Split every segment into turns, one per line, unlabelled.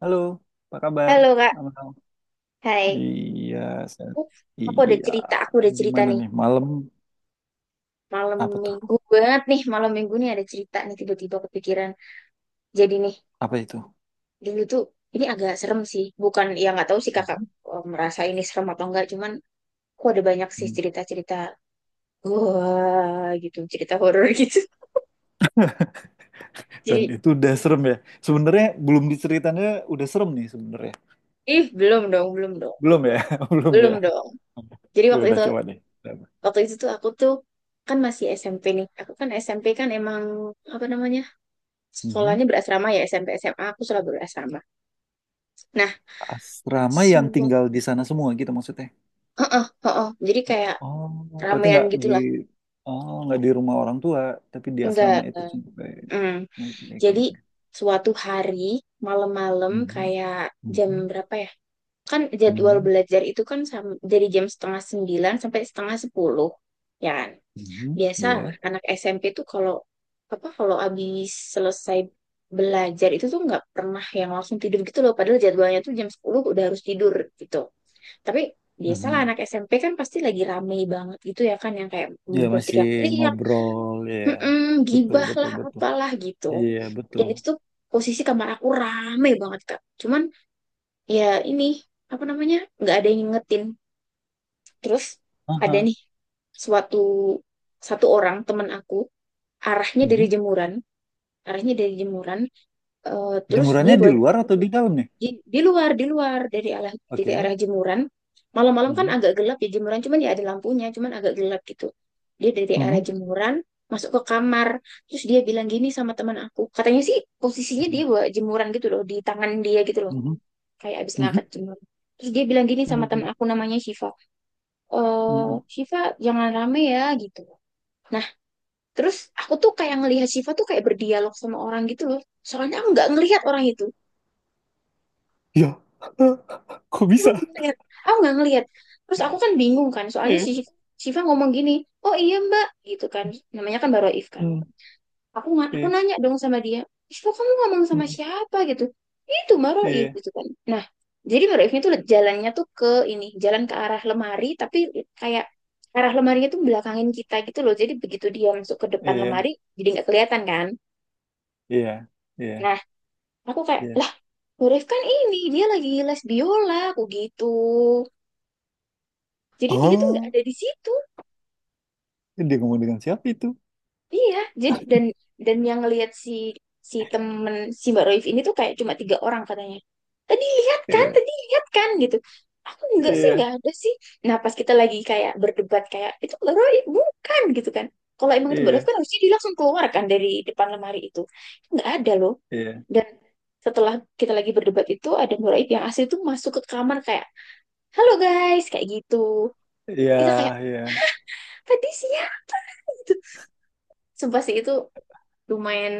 Halo, apa kabar?
Halo Kak,
Amal?
hai.
Iya, saya-
Uh,
iya.
aku ada cerita
Gimana
nih.
nih malam?
Malam
Apa tuh?
minggu banget nih, malam minggu nih ada cerita nih tiba-tiba kepikiran. Jadi nih,
Apa itu?
dulu tuh ini agak serem sih. Bukan, ya nggak tahu sih kakak
Mhm.
merasa ini serem atau enggak. Cuman aku ada banyak sih cerita-cerita, wah gitu, cerita horor gitu.
Dan
Jadi,
itu udah serem ya. Sebenarnya belum diceritanya udah serem nih sebenarnya.
ih belum dong, belum dong,
Belum
belum
ya,
dong.
belum
Belum
ya.
dong. Jadi
Ya udah coba deh.
waktu itu tuh aku tuh kan masih SMP nih. Aku kan SMP kan emang apa namanya?
Mhm.
Sekolahnya berasrama ya SMP SMA aku selalu berasrama. Nah,
Asrama yang
semua
tinggal di sana semua gitu maksudnya.
heeh heeh. Jadi kayak
Oh, berarti
ramean gitulah.
nggak di rumah orang tua, tapi di
Enggak
asrama itu sampai.
mm.
Oke, oke,
Jadi
oke.
suatu hari malam-malam
Mhm.
kayak jam
Mhm.
berapa ya? Kan jadwal
Mhm.
belajar itu kan dari jam setengah sembilan sampai setengah sepuluh, ya kan?
Mhm,
Biasa
ya.
anak SMP tuh kalau apa kalau habis selesai belajar itu tuh nggak pernah yang langsung tidur gitu loh. Padahal jadwalnya tuh jam 10 udah harus tidur gitu. Tapi biasalah
Mhm.
anak SMP kan pasti lagi rame banget gitu ya kan yang kayak
Ya
gue
masih
teriak-teriak,
ngobrol ya,
"Mm-mm,
betul
gibah
betul
lah
betul.
apalah gitu."
Iya, betul.
Dan itu tuh posisi kamar aku rame banget Kak. Cuman ya ini apa namanya nggak ada yang ngingetin. Terus ada
Aha.
nih suatu satu orang teman aku arahnya dari
Mhm.
jemuran, arahnya dari jemuran. Terus dia
Jemurannya di luar atau di dalam nih?
Di, di luar dari arah
Oke.
jemuran. Malam-malam kan
Mhm.
agak gelap ya jemuran, cuman ya ada lampunya, cuman agak gelap gitu. Dia dari arah
Mhm.
jemuran masuk ke kamar, terus dia bilang gini sama teman aku. Katanya sih posisinya dia bawa jemuran gitu loh di tangan dia gitu loh,
Mhm.
kayak abis ngangkat
Mhm.
jemuran. Terus dia bilang gini sama teman
Mhm.
aku namanya Syifa. Eh,
Mhm.
Syifa jangan rame ya gitu. Nah, terus aku tuh kayak ngelihat Syifa tuh kayak berdialog sama orang gitu loh. Soalnya aku nggak ngelihat orang itu.
Ya, kok
aku
bisa?
nggak ngeliat aku nggak ngeliat terus aku kan bingung kan soalnya
Iya.
Syifa ngomong gini oh iya mbak gitu kan namanya kan Baroif kan
Mhm.
aku
Iya.
nanya dong sama dia Syifa kamu ngomong sama
Mhm.
siapa gitu itu Baroif
Iya.
gitu kan nah jadi Baroifnya tuh jalannya tuh ke ini jalan ke arah lemari tapi kayak arah lemarinya tuh belakangin kita gitu loh jadi begitu dia masuk ke depan
Iya.
lemari jadi nggak kelihatan kan
Iya. Iya.
nah aku kayak
Iya.
lah Baroif kan ini dia lagi les biola aku gitu jadi dia tuh nggak
Oh,
ada di situ.
dia ngomong dengan siapa itu?
Iya, jadi dan yang ngelihat si si temen si Mbak Roif ini tuh kayak cuma tiga orang katanya.
Iya.
Tadi lihat kan gitu. Aku enggak sih,
Iya.
enggak ada sih. Nah, pas kita lagi kayak berdebat kayak itu Mbak Roif bukan gitu kan. Kalau emang itu Mbak Roif
Iya.
kan harusnya dia langsung keluar kan dari depan lemari itu. Enggak ada loh.
Iya.
Dan setelah kita lagi berdebat itu ada Mbak Roif yang asli tuh masuk ke kamar kayak, "Halo guys," kayak gitu.
Iya.
Kita kayak
Iya.
tadi siang gitu. Sumpah sih itu lumayan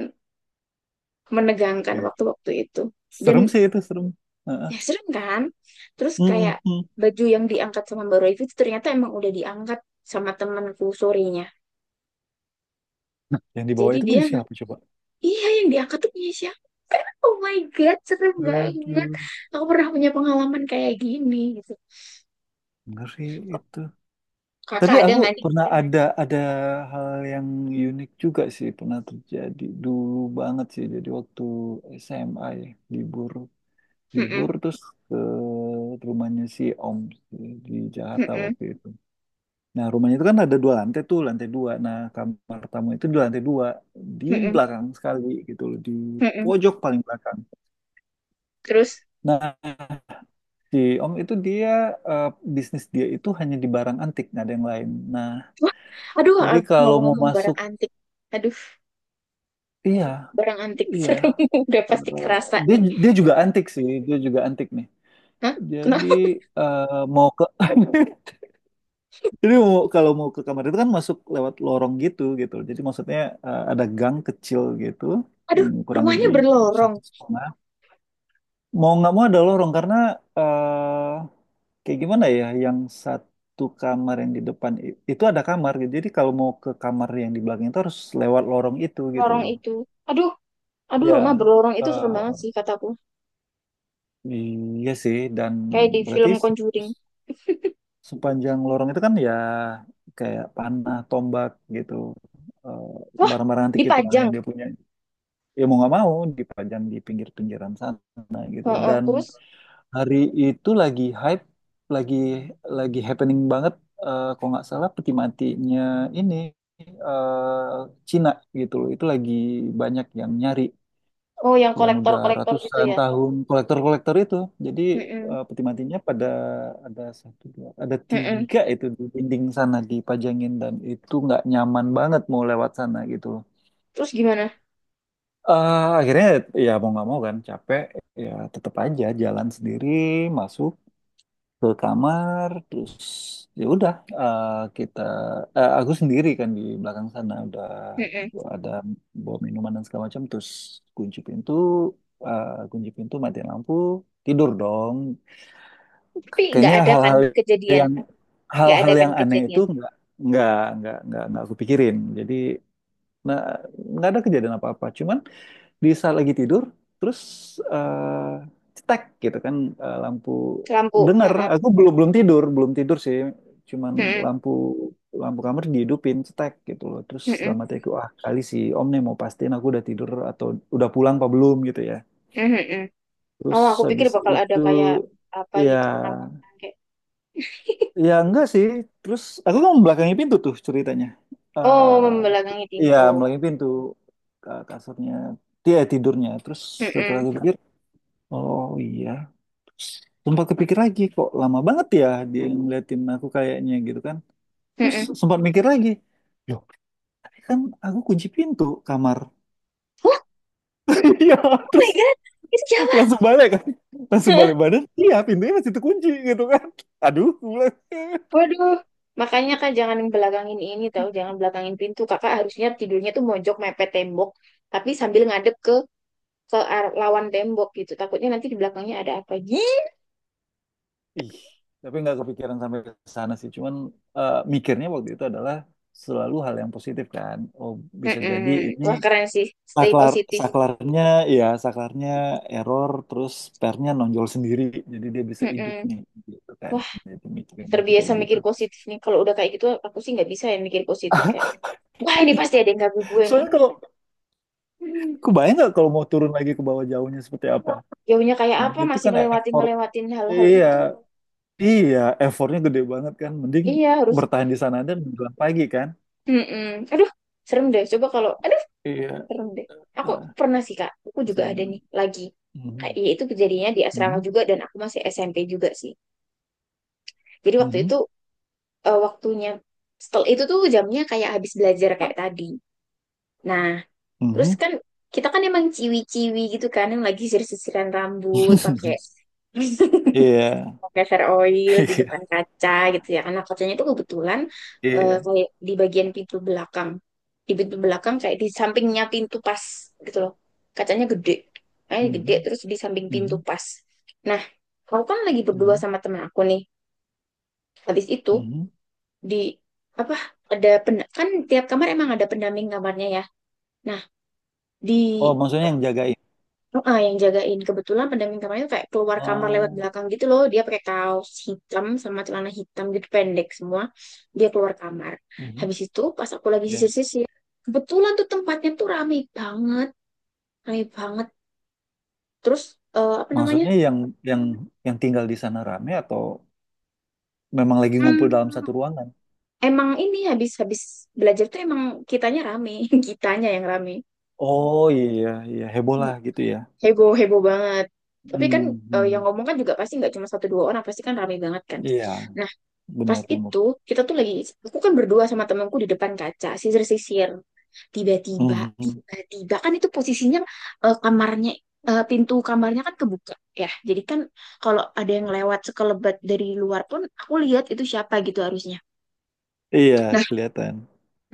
menegangkan
Iya.
waktu-waktu itu.
Serem
Dan
sih itu, serem. Heeh.
ya serem kan? Terus
Mm,
kayak
mm, mm.
baju yang diangkat sama Mbak Royvi itu ternyata emang udah diangkat sama temanku sorenya.
Nah, yang di bawah
Jadi
itu
dia,
punya siapa coba?
iya yang diangkat tuh punya siapa? Oh my God, serem banget.
Aduh,
Aku pernah punya pengalaman kayak gini gitu.
ngeri itu.
Kakak
Tapi
ada
aku
nggak nih?
pernah ada hal yang unik juga sih pernah terjadi dulu banget sih. Jadi waktu SMA ya, libur libur
Mm-mm,
terus ke rumahnya si Om sih, di Jakarta
mm-mm,
waktu itu. Nah, rumahnya itu kan ada dua lantai tuh, lantai dua. Nah, kamar tamu itu di lantai dua, di
mm-mm,
belakang sekali gitu loh, di
mm-mm.
pojok paling belakang.
Terus,
Nah, Si Om itu dia eh, bisnis dia itu hanya di barang antik, nggak ada yang lain. Nah,
wah, aduh
jadi kalau mau
ngomong-ngomong barang
masuk,
antik. Aduh,
iya,
barang antik
iya.
serem. Udah pasti
Eh,
kerasa
dia
nih.
dia juga antik sih, dia juga antik nih.
Hah?
Jadi
Kenapa?
eh, mau ke jadi mau, kalau mau ke kamar itu kan masuk lewat lorong gitu gitu. Jadi maksudnya ada gang kecil gitu,
Aduh,
kurang
rumahnya
lebih
berlorong.
satu setengah. Mau nggak mau ada lorong karena kayak gimana ya, yang satu kamar yang di depan itu ada kamar gitu. Jadi kalau mau ke kamar yang di belakang itu harus lewat lorong itu gitu
Lorong
loh.
itu. Aduh, aduh rumah
Ya,
berlorong itu serem banget
eh,
sih kataku.
iya sih. Dan
Kayak di
berarti
film Conjuring.
sepanjang lorong itu kan ya kayak panah, tombak gitu, eh,
Wah,
barang-barang antik itulah
dipajang.
yang dia punya. Ya mau nggak mau dipajang di pinggir-pinggiran sana gitu.
Heeh,
Dan
terus,
hari itu lagi hype, lagi lagi happening banget. Kalau nggak salah peti matinya ini eh Cina gitu loh. Itu lagi banyak yang nyari,
oh yang
yang udah
kolektor-kolektor gitu
ratusan
ya.
tahun kolektor-kolektor itu. Jadi
Heeh,
peti matinya pada ada satu, dua, ada
heeh.
tiga itu di dinding sana dipajangin dan itu nggak nyaman banget mau lewat sana gitu loh.
Terus gimana?
Akhirnya ya mau nggak mau kan capek ya tetap aja jalan sendiri masuk ke kamar terus ya udah eh, kita aku sendiri kan di belakang sana udah
Heeh.
ada bawa minuman dan segala macam terus kunci pintu kunci pintu matiin lampu tidur dong.
Tapi nggak
Kayaknya
ada kan kejadian.
yang
Nggak ada
hal-hal
kan
yang aneh itu
kejadian.
nggak nggak aku pikirin jadi nah nggak ada kejadian apa-apa cuman di saat lagi tidur terus eh, cetek gitu kan lampu
Lampu.
denger
Heeh,
aku belum belum tidur belum tidur sih cuman
heeh,
lampu lampu kamar dihidupin cetek gitu loh terus
heeh,
dalam hati aku ah kali si om nih mau pastiin aku udah tidur atau udah pulang apa belum gitu ya
heeh, heeh.
terus
Oh, aku pikir
habis
bakal ada
itu
kayak apa gitu
ya
penampakan kayak
ya enggak sih terus aku kan membelakangi pintu tuh ceritanya
oh membelakangi
eh ya
pintu.
membelakangi pintu ke kasurnya dia tidurnya terus setelah
Heeh,
aku pikir oh iya, sempat kepikir lagi kok lama banget ya dia ngeliatin aku kayaknya gitu kan. Terus
heeh.
sempat mikir lagi, loh tadi kan aku kunci pintu kamar.
Wah,
Iya,
oh my
terus
God, itu
langsung balik kan, langsung
jalan.
balik badan. Iya, pintunya masih terkunci gitu kan. Aduh, gue bilang,
Waduh, makanya Kak jangan belakangin ini tahu, jangan belakangin pintu. Kakak harusnya tidurnya tuh mojok mepet tembok, tapi sambil ngadep ke lawan tembok gitu. Takutnya nanti di belakangnya ada apa. Ih,
ih, tapi nggak kepikiran sampai ke sana sih. Cuman mikirnya waktu itu adalah selalu hal yang positif kan. Oh bisa jadi
mm-mm.
ini.
Wah, keren sih. Stay
saklar
positif.
saklarnya saklarnya error terus pernya nonjol sendiri jadi dia bisa hidup
Mm-mm.
nih gitu kan
Wah,
jadi mikirnya masih
terbiasa
kayak gitu
mikir positif nih. Kalau udah kayak gitu aku sih nggak bisa ya mikir positif kayak, wah ini pasti ada yang ganggu gue nih.
soalnya kalau
Hmm.
kebayang nggak kalau mau turun lagi ke bawah jauhnya seperti apa.
Jauhnya kayak
Nah,
apa
itu
masih
kan
ngelewatin ngelewatin hal-hal
iya,
itu.
iya, effortnya gede banget kan mending
Iya, harus.
bertahan di sana dan menjelang pagi kan
Mm-mm. Aduh, serem deh. Coba kalau
iya.
Seru deh. Aku
Ah,
pernah sih Kak, aku juga ada nih
menjelang-
lagi. Kayak
Mhm,
ya itu kejadiannya di asrama
mhm,
juga dan aku masih SMP juga sih. Jadi waktu
mhm,
itu waktunya setelah itu tuh jamnya kayak habis belajar kayak tadi. Nah, terus
mhm.
kan kita kan emang ciwi-ciwi gitu kan yang lagi sisir-sisiran rambut pakai
Iya.
fair oil di depan
Iya,
kaca gitu ya. Karena kacanya itu kebetulan
iya.
kayak di bagian pintu belakang. Di pintu belakang kayak di sampingnya pintu pas gitu loh. Kacanya gede. Kacanya gede
Mhm,
terus di samping pintu
mhm,
pas. Nah, aku kan lagi berdua
mhm,
sama temen aku nih. Habis itu
mhm. Mhm.
di apa ada kan tiap kamar emang ada pendamping kamarnya ya. Nah, di
Oh, maksudnya yang jagain.
heeh, yang jagain kebetulan pendamping kamarnya tuh kayak keluar kamar lewat
Oh,
belakang gitu loh dia pakai kaos hitam sama celana hitam gitu pendek semua dia keluar kamar
mhm.
habis itu pas aku lagi
Ya.
sisir-sisir kebetulan tuh tempatnya tuh rame banget terus apa namanya
Maksudnya yang yang tinggal di sana rame atau memang lagi ngumpul dalam
hmm,
satu ruangan?
emang ini habis habis belajar tuh emang kitanya rame kitanya yang rame.
Oh, iya, iya, heboh
Hmm,
lah gitu ya.
heboh heboh banget tapi kan
Hmm,
yang
hmm.
ngomong kan juga pasti nggak cuma satu dua orang pasti kan rame banget kan
Iya,
nah pas
benar-benar.
itu kita tuh lagi, aku kan berdua sama temanku di depan kaca, sisir-sisir. Tiba-tiba,
Mhm.
tiba-tiba kan itu posisinya eh, kamarnya, pintu kamarnya kan kebuka ya. Jadi kan kalau ada yang lewat sekelebat dari luar pun, aku lihat itu siapa gitu harusnya.
Iya,
Nah,
kelihatan.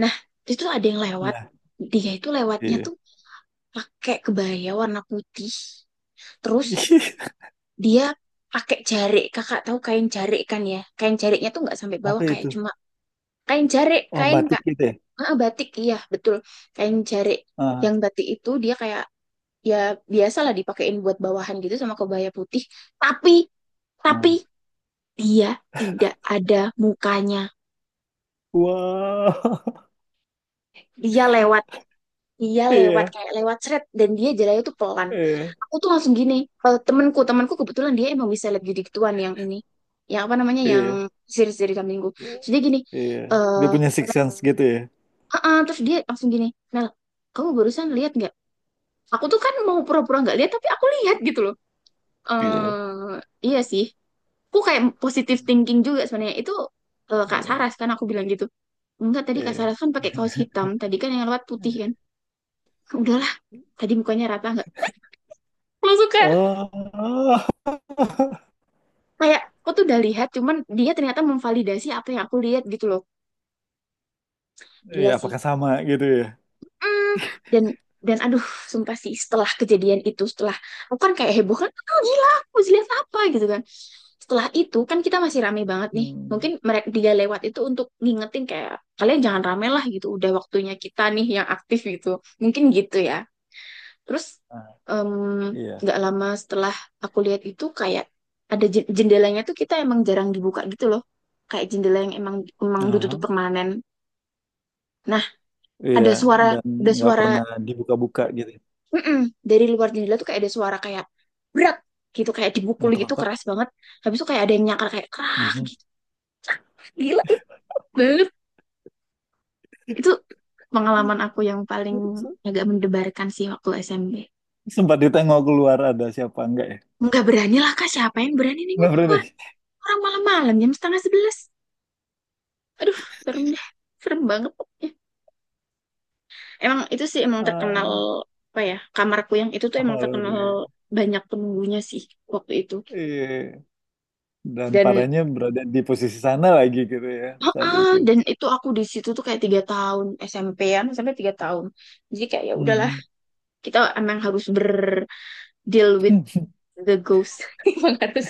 nah itu ada yang lewat.
Nah,
Dia itu lewatnya
iya.
tuh pakai kebaya warna putih. Terus dia pakai jarik, kakak tahu kain jarik kan ya? Kain jariknya tuh nggak sampai bawah
Apa
kayak
itu?
cuma kain jarik,
Oh,
kain
batik
Kak.
gitu ya.
Ah, batik iya betul kain jarik
Ah,
yang batik itu dia kayak ya biasalah dipakein buat bawahan gitu sama kebaya putih tapi tapi
ah.
dia tidak ada mukanya
Wow.
dia lewat dia lewat
Iya,
kayak lewat seret dan dia jalannya tuh pelan
iya,
aku tuh langsung gini temenku temenku kebetulan dia emang bisa lihat gitu gituan yang ini yang apa namanya yang
iya,
siri dari kambingku
iya.
terus dia gini
Iya. Dia
eh
punya six sense gitu ya.
ah. terus dia langsung gini Mel kamu barusan lihat nggak aku tuh kan mau pura-pura nggak lihat tapi aku lihat gitu loh
Iya.
eh iya sih aku kayak positive thinking juga sebenarnya itu Kak
Iya.
Saras kan aku bilang gitu enggak tadi Kak
Iya.
Saras kan pakai kaos hitam tadi kan yang lewat putih kan udahlah tadi mukanya rata nggak langsung kayak
Oh,
kayak aku tuh udah lihat cuman dia ternyata memvalidasi apa yang aku lihat gitu loh
iya,
gila sih
apakah sama gitu ya?
Mm, dan dan aduh sumpah sih setelah kejadian itu setelah aku kan kayak heboh kan oh, gila aku mesti lihat apa gitu kan setelah itu kan kita masih rame banget nih mungkin
Hmm.
dia lewat itu untuk ngingetin kayak kalian jangan rame lah gitu udah waktunya kita nih yang aktif gitu mungkin gitu ya terus
Nah,
em,
iya.
nggak lama setelah aku lihat itu kayak ada jendelanya tuh kita emang jarang dibuka gitu loh kayak jendela yang emang emang ditutup
Aha.
permanen nah
Iya,
ada suara
dan
ada
nggak
suara
pernah dibuka-buka gitu.
mm-mm. Dari luar jendela tuh kayak ada suara kayak berat gitu kayak dipukul gitu
Ngetok-ngetok.
keras banget. Habis itu kayak ada yang nyakar kayak krak
Mhm.
gila banget. Itu pengalaman aku yang paling
Se-
agak mendebarkan sih waktu SMP.
Sempat ditengok keluar ada siapa enggak ya?
Nggak berani lah kak siapa yang berani nih gua
Nggak pernah
keluar
deh.
orang malam-malam jam setengah sebelas. Aduh serem deh serem banget pokoknya. Emang itu sih emang terkenal
Ah,
apa ya kamarku yang itu tuh emang terkenal
horor.
banyak penunggunya sih waktu itu.
Iya. Dan
Dan
parahnya berada di posisi sana lagi gitu ya saat
heeh,
itu.
dan itu aku di situ tuh kayak 3 tahun SMP-an sampai 3 tahun. Jadi kayak ya udahlah,
Mhm.
kita emang harus berdeal with the ghost. Emang harus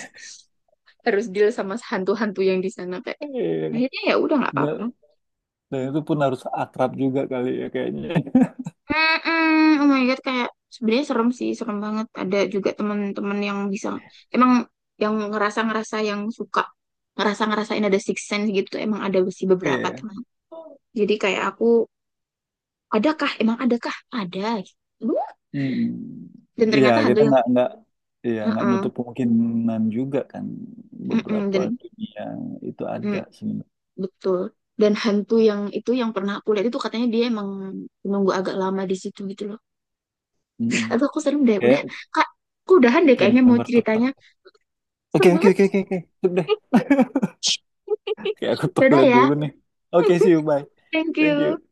harus deal sama hantu-hantu yang di sana kayak.
Iya.
Akhirnya ya udah nggak
Dan,
apa-apa.
dan itu pun harus akrab juga kali ya kayaknya.
Mm-mm, oh my God, kayak sebenarnya serem sih, serem banget. Ada juga teman-teman yang bisa emang yang ngerasa-ngerasa yang suka ngerasa-ngerasain ada six sense gitu tuh emang ada sih beberapa
Iya.
teman. Jadi kayak aku, adakah? Emang adakah? Ada.
Hmm,
Dan
iya
ternyata hantu
kita
yang
nggak iya nggak
heeh,
nutup kemungkinan juga kan
mm-mm,
beberapa
dan
dunia itu ada
mm,
sebenarnya.
betul. Dan hantu yang itu yang pernah aku lihat itu katanya dia emang nunggu agak lama di situ gitu loh.
Mm-mm.
Atau aku serem deh. Udah,
Kayak
Kak, aku udahan deh
game
kayaknya mau
member tetap.
ceritanya.
Oke,
Serem
oke,
banget.
oke, oke, oke. Cukup deh. Kayak aku
Dadah
toilet
ya.
dulu nih. Oke, see you bye.
Thank
Thank
you.
you.